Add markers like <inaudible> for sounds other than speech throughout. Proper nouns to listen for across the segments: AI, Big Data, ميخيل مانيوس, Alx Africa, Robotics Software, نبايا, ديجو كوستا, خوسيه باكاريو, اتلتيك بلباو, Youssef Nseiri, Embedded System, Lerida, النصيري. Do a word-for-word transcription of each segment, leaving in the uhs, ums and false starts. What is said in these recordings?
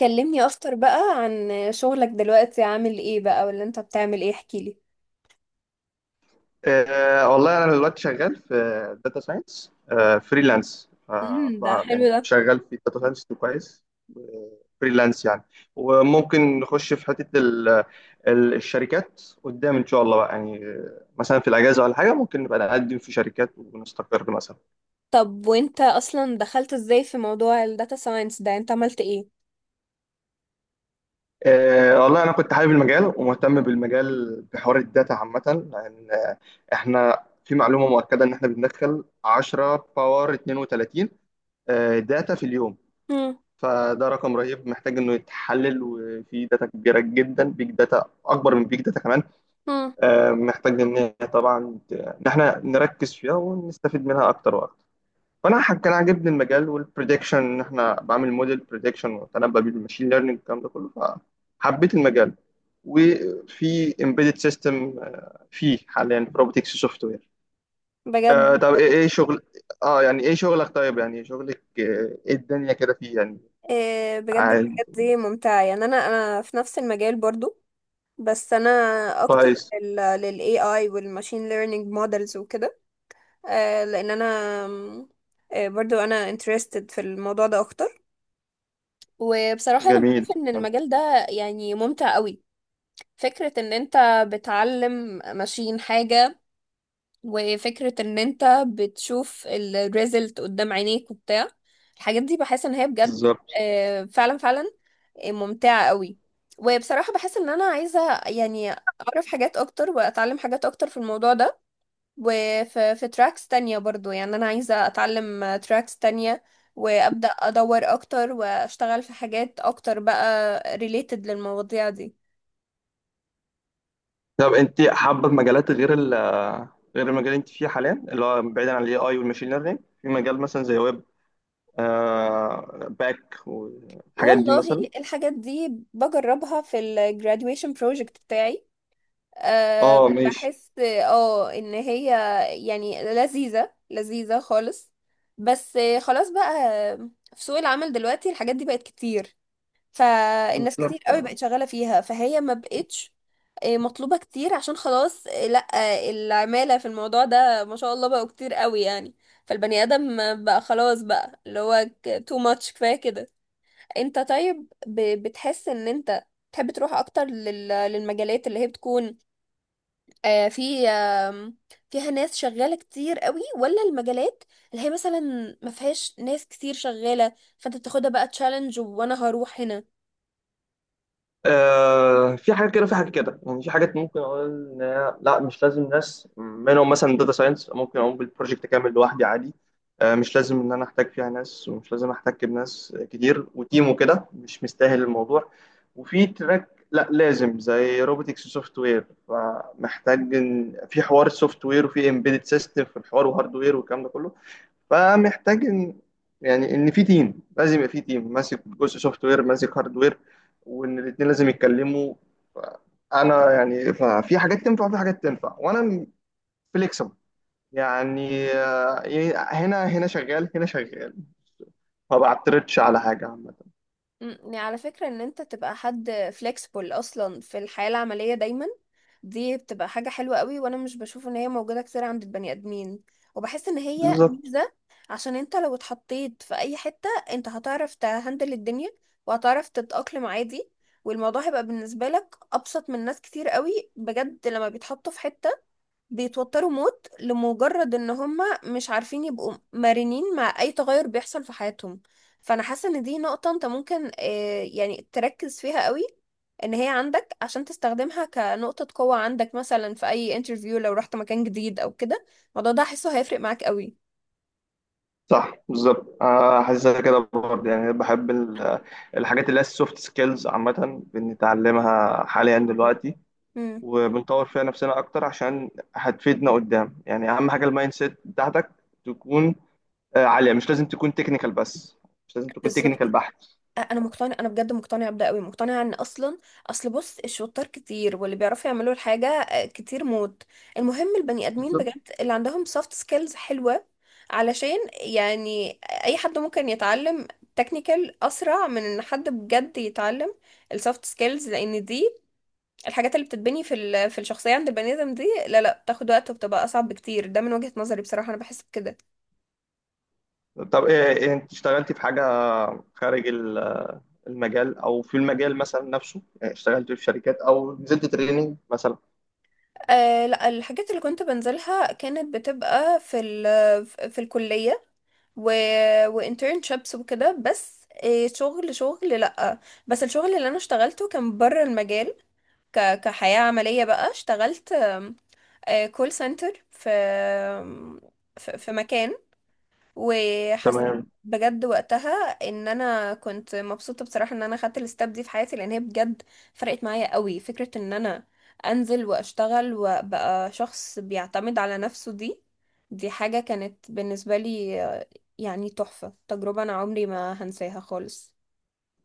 كلمني اكتر بقى عن شغلك دلوقتي، عامل ايه بقى؟ ولا انت بتعمل ايه؟ احكيلي. أه والله انا دلوقتي شغال في داتا ساينس فريلانس. امم ده حلو يعني ده. شغال في داتا ساينس كويس، فريلانس يعني. وممكن نخش في حته ال- ال- الشركات قدام ان شاء الله بقى. يعني آه، مثلا في الاجازه ولا حاجه ممكن نبقى نقدم في شركات ونستقر مثلا. طب وانت اصلا دخلت ازاي في موضوع الداتا ساينس ده؟ انت عملت ايه؟ أه والله انا كنت حابب المجال ومهتم بالمجال بحوار الداتا عامه، لان آه، احنا في معلومه مؤكده ان احنا بندخل عشرة باور اثنين وثلاثين آه، داتا في اليوم. مم. فده رقم رهيب محتاج انه يتحلل، وفي داتا كبيره جدا، بيج داتا اكبر من بيج داتا كمان. مم. آه، محتاج ان هي طبعا ت- ان احنا نركز فيها ونستفيد منها اكتر واكتر. فانا ح- كان عاجبني المجال والبريدكشن، ان احنا بعمل موديل بريدكشن وتنبأ بالماشين ليرنينج الكلام ده كله، فحبيت المجال. وفي امبيدد سيستم، فيه حاليا في روبوتكس سوفت وير. بجد؟ آه، طب ايه إيه شغل؟ اه، يعني ايه شغلك؟ طيب يعني شغلك آه، ايه الدنيا كده فيه يعني؟ آه، بجد عاد. الحاجات دي ممتعة، يعني انا انا في نفس المجال برضو. بس انا اكتر كويس. لل لل A I وال machine learning models وكده. آه، لان انا آه، برضو انا interested في الموضوع ده اكتر. وبصراحة انا جميل. بشوف ان حلو. المجال ده يعني ممتع قوي. فكرة ان انت بتعلم ماشين حاجة، وفكرة ان انت بتشوف الريزلت قدام عينيك وبتاع الحاجات دي، بحس ان هي بجد. بالظبط. آه، فعلا فعلا، آه، ممتعة قوي. وبصراحة بحس ان انا عايزة يعني اعرف حاجات اكتر واتعلم حاجات اكتر في الموضوع ده. وفي في تراكس تانية برضو، يعني انا عايزة اتعلم تراكس تانية وابدأ ادور اكتر واشتغل في حاجات اكتر بقى ريليتد للمواضيع دي. طب انت حابه في مجالات غير ال غير المجال اللي انت فيه حاليا، اللي هو بعيدا عن الاي اي والماشين ليرنينج، في مجال مثلا زي ويب آه باك والحاجات دي مثلا؟ والله الحاجات دي بجربها في ال graduation project بتاعي. أه اه، ماشي. بحس اه ان هي يعني لذيذة لذيذة خالص. بس خلاص بقى، في سوق العمل دلوقتي الحاجات دي بقت كتير، فالناس كتير بالظبط. قوي بقت شغالة فيها، فهي ما بقتش آه، مطلوبة كتير. عشان خلاص آه، لا آه، العمالة في الموضوع ده ما شاء الله بقوا كتير قوي يعني. فالبني آدم بقى خلاص بقى اللي هو too much، كفاية كده. انت طيب، ب- بتحس ان انت تحب تروح اكتر لل- للمجالات اللي هي بتكون آه، في آم، فيها ناس شغالة كتير قوي، ولا المجالات اللي هي مثلا ما فيهاش ناس كتير شغالة، فانت بتاخدها بقى تشالنج وانا هروح هنا؟ آه في حاجات كده، في حاجات كده. يعني في حاجات ممكن اقول إن هي- لا، مش لازم ناس. منهم مثلا داتا ساينس ممكن اقوم بالبروجكت كامل لوحدي عادي، آه مش لازم ان انا احتاج فيها ناس، ومش لازم احتاج بناس كتير وتيم وكده، مش مستاهل الموضوع. وفي تراك لا لازم، زي روبوتكس سوفت وير، فمحتاج إن- في حوار السوفت وير وفي امبيدد سيستم في الحوار وهاردوير والكلام ده كله. فمحتاج ان، يعني ان في تيم لازم. يبقى في تيم ماسك جزء سوفت وير، ماسك هارد وير، وان الاثنين لازم يتكلموا. انا يعني ففي حاجات تنفع وفي حاجات تنفع، وانا فليكسبل يعني. آه، ي- هنا هنا شغال، هنا شغال. ما بعترضش على حاجه عامه. مم، يعني على فكرة، ان انت تبقى حد flexible اصلا في الحياة العملية دايما دي بتبقى حاجة حلوة قوي، وانا مش بشوف ان هي موجودة كتير عند البني ادمين، وبحس ان هي بالظبط. ميزة. عشان انت لو اتحطيت في اي حتة، انت هتعرف تهندل الدنيا وهتعرف تتأقلم عادي، والموضوع هيبقى بالنسبة لك ابسط من ناس كتير قوي بجد لما بيتحطوا في حتة بيتوتروا موت لمجرد ان هم مش عارفين يبقوا مرنين مع اي تغير بيحصل في حياتهم. فانا حاسه ان دي نقطه انت ممكن آه، يعني تركز فيها قوي، ان هي عندك، عشان تستخدمها كنقطه قوه عندك مثلا في اي انترفيو لو رحت مكان جديد او كده. الموضوع ده هحسه هيفرق معاك قوي. صح، بالظبط. آه، حاسسها كده برضه يعني. بحب ال- الحاجات اللي هي السوفت سكيلز عامه، بنتعلمها حاليا دلوقتي وبنطور فيها نفسنا اكتر عشان هتفيدنا قدام. يعني اهم حاجه المايند سيت بتاعتك تكون آه، عاليه، مش لازم تكون تكنيكال بس، مش لازم تكون امم، تكنيكال بحت. انا مقتنع، انا بجد مقتنعه بده قوي. مقتنعه ان اصلا، اصل بص، الشطار كتير، واللي بيعرفوا يعملوا الحاجه آه، كتير موت. المهم البني ادمين بالظبط. بجد اللي عندهم سوفت سكيلز حلوه. علشان يعني اي حد ممكن يتعلم تكنيكال اسرع من ان حد بجد يتعلم السوفت سكيلز. لان دي الحاجات اللي بتتبني في ال- في الشخصيه عند البني ادم دي، لا لا بتاخد وقت وبتبقى اصعب بكتير. ده من وجهه نظري بصراحه، انا بحس بكده. طب ايه إيه، انت اشتغلتي في حاجه خارج ال- المجال، او في المجال مثلا نفسه؟ يعني اشتغلتي في شركات او نزلت تريننج مثلا؟ أه لا، الحاجات اللي كنت بنزلها كانت بتبقى في ال في الكلية و... وانترنشيبس وكده، بس إيه، شغل شغل لأ. بس الشغل اللي انا اشتغلته كان بره المجال. ك... كحياة عملية بقى اشتغلت كول سنتر في في في مكان، وحسيت تمام. بجد وقتها ان انا كنت مبسوطه بصراحه ان انا خدت الستاب دي في حياتي، لان هي بجد فرقت معايا قوي. فكره ان انا انزل واشتغل وابقى شخص بيعتمد على نفسه، دي دي حاجه كانت بالنسبه لي آه، يعني تحفه، تجربه انا عمري ما هنساها خالص.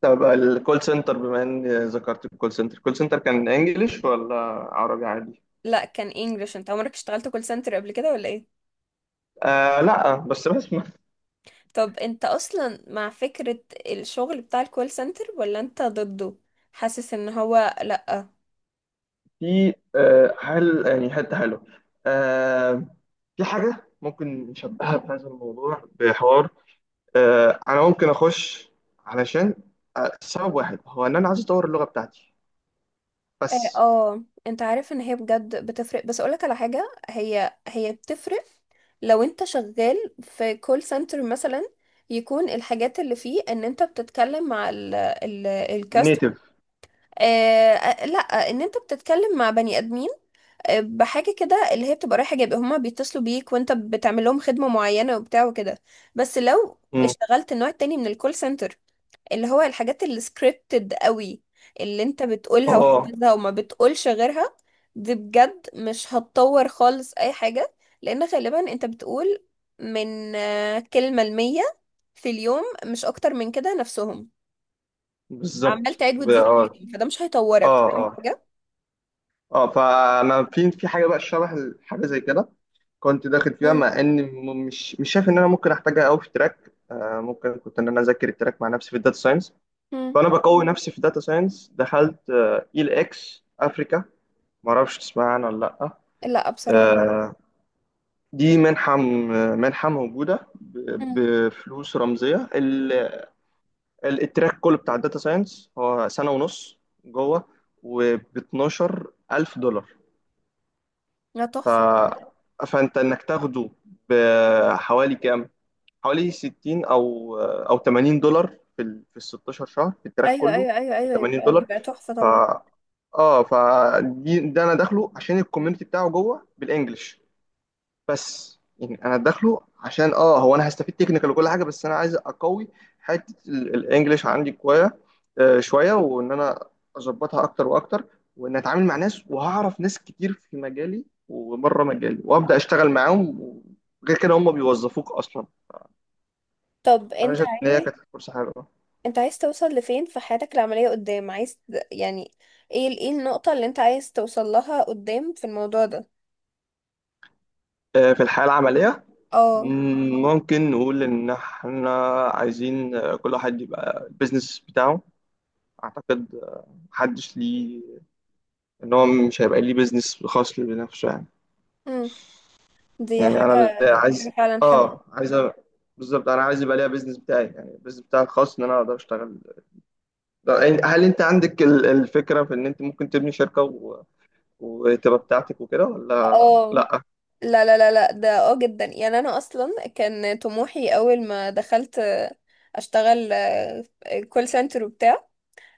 طب الكول سنتر، بما ان ذكرت الكول سنتر الكول سنتر كان انجليش ولا عربي عادي؟ لا كان انجلش. انت عمرك اشتغلت كول سنتر قبل كده ولا ايه؟ آه، لا. بس بس طب انت اصلا مع فكره الشغل بتاع الكول سنتر ولا انت ضده، حاسس ان هو لا؟ في آه، حل، يعني حتة حلوة. آه، في حاجة ممكن نشبهها بهذا الموضوع بحوار. آه، أنا ممكن أخش علشان آه، سبب واحد، هو إن أنا عايز أطور اللغة بتاعتي اه بس. آه، انت عارف ان هي بجد بتفرق، بس اقولك على حاجة، هي هي بتفرق لو انت شغال في كول سنتر مثلا، يكون الحاجات اللي فيه ان انت بتتكلم مع ال ال الكاست، نيتف. آه لا، ان انت بتتكلم مع بني ادمين آه، بحاجه كده، اللي هي بتبقى رايحه جايبه، هما بيتصلوا بيك وانت بتعمل لهم خدمه معينه وبتاع وكده. بس لو اشتغلت النوع التاني من الكول سنتر، اللي هو الحاجات السكريبتد قوي، اللي انت بتقولها اه، وحافظها وما بتقولش غيرها، دي بجد مش هتطور خالص اي حاجة. لان غالبا انت بتقول من آه، كلمة المية في اليوم، مش اكتر من كده، نفسهم، عمال بالظبط. تعيد ب- وتزيد في اه، اليوم، فده مش هيطورك، اه، فاهم اه، حاجة؟ اه. فانا في في حاجه بقى شبه حاجه زي كده، كنت داخل فيها مم. مع ان م- مش مش شايف ان انا ممكن احتاجها قوي في تراك. آه ممكن كنت ان انا اذاكر التراك مع نفسي في الداتا ساينس، مم. فانا بقوي نفسي في داتا ساينس. دخلت اي ال اكس افريكا، ما اعرفش تسمع عنها ولا لا؟ لا بصراحة. آه، دي منحه، م- منحه موجوده ب- مم. بفلوس رمزيه. ال- ال- التراك كله بتاع الداتا ساينس هو سنه ونص جوه، وب اتناشر الف دولار. لا ف... تحفة. فانت انك تاخده بحوالي كام؟ حوالي ستين، او آه، او تمانين دولار في ال في ال ستاشر شهر، في التراك ايوه كله. ايوه ايوه ب ايوه، 80 يبقى دولار بيبقى تحفه ف طبعا. اه فدي. ده انا داخله عشان الكوميونتي بتاعه جوه بالانجلش، بس يعني انا داخله عشان اه هو انا هستفيد تكنيكال وكل حاجه، بس انا عايز اقوي حته ال- الانجليش عندي كويس آه شويه، وان انا اظبطها اكتر واكتر، وان اتعامل مع ناس، وهعرف ناس كتير في مجالي وبره مجالي وابدا اشتغل معاهم. غير كده هم بيوظفوك اصلا. طب انا انت شايف ان هي عايز، كانت فرصه حلوه. انت عايز توصل لفين في حياتك العملية قدام؟ عايز يعني ايه ال- ايه النقطة اللي انت عايز توصل لها قدام في الموضوع ده؟ آه في الحياه العمليه. اه. مم، ممكن نقول إن إحنا عايزين آه، كل واحد يبقى البيزنس بتاعه. أعتقد محدش ليه. إن هو مش هيبقى ليه بيزنس خاص ليه بنفسه يعني. امم، دي يعني حاجة، أنا اللي دي حاجة عايز. فعلا حلوة. آه عايز أ- بالظبط، أنا عايز يبقى ليا بيزنس بتاعي، يعني البيزنس بتاعي الخاص، إن أنا أقدر أشتغل. ده- يعني هل أنت عندك ال- الفكرة في إن أنت ممكن تبني شركة و... وتبقى بتاعتك وكده ولا اه، لأ؟ لا لا لا لا، ده اه جدا، يعني انا اصلا كان طموحي اول ما دخلت آه، اشتغل كول سنتر وبتاع،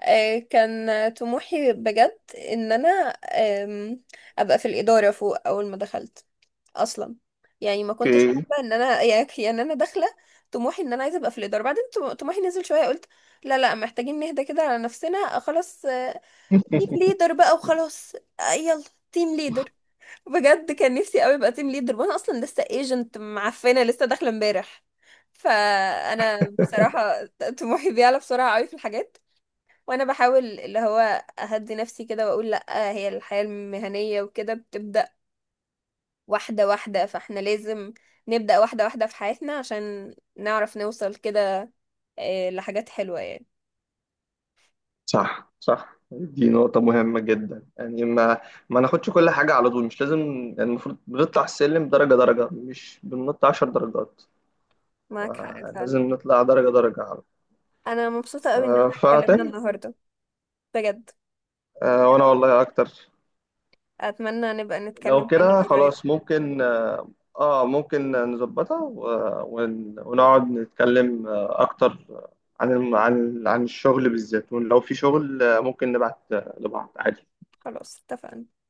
آه، كان طموحي بجد ان انا آم، ابقى في الاداره فوق اول ما دخلت اصلا، يعني ما كنتش أوكي. حابه ان انا <laughs> يعني يعني انا داخله طموحي ان انا عايزه ابقى في الاداره بعدين، طم- طموحي نزل شويه، قلت لا لا، محتاجين نهدى كده على نفسنا، خلاص تيم ليدر بقى وخلاص، آه، يلا تيم ليدر. بجد كان نفسي قوي ابقى تيم ليدر، وانا اصلا لسه ايجنت معفنه لسه داخله امبارح. فانا بصراحه طموحي بيعلى بسرعه قوي في الحاجات، وانا بحاول اللي هو اهدي نفسي كده واقول لا، هي الحياة المهنية وكده بتبدأ واحدة واحدة، فاحنا لازم نبدأ واحدة واحدة في حياتنا عشان نعرف نوصل كده آه، لحاجات حلوة يعني. صح، صح، دي نقطة مهمة جدا. يعني ما ما ناخدش كل حاجة على طول، مش لازم. يعني المفروض بنطلع السلم درجة درجة، مش بننط عشر درجات. معاك حق آه، لازم فعلا. نطلع درجة درجة على طول. انا مبسوطة قوي ان آه، احنا اتكلمنا فتمام. النهاردة بجد. آه، وأنا والله أكتر. اتمنى نبقى لو نتكلم كده تاني قريب. خلاص، ممكن آه آه، ممكن نظبطها و- ون- ونقعد نتكلم آه، أكتر عن الم- عن عن الشغل بالذات. ولو في شغل آه، ممكن نبعت لبعض عادي. خلاص، اتفقنا.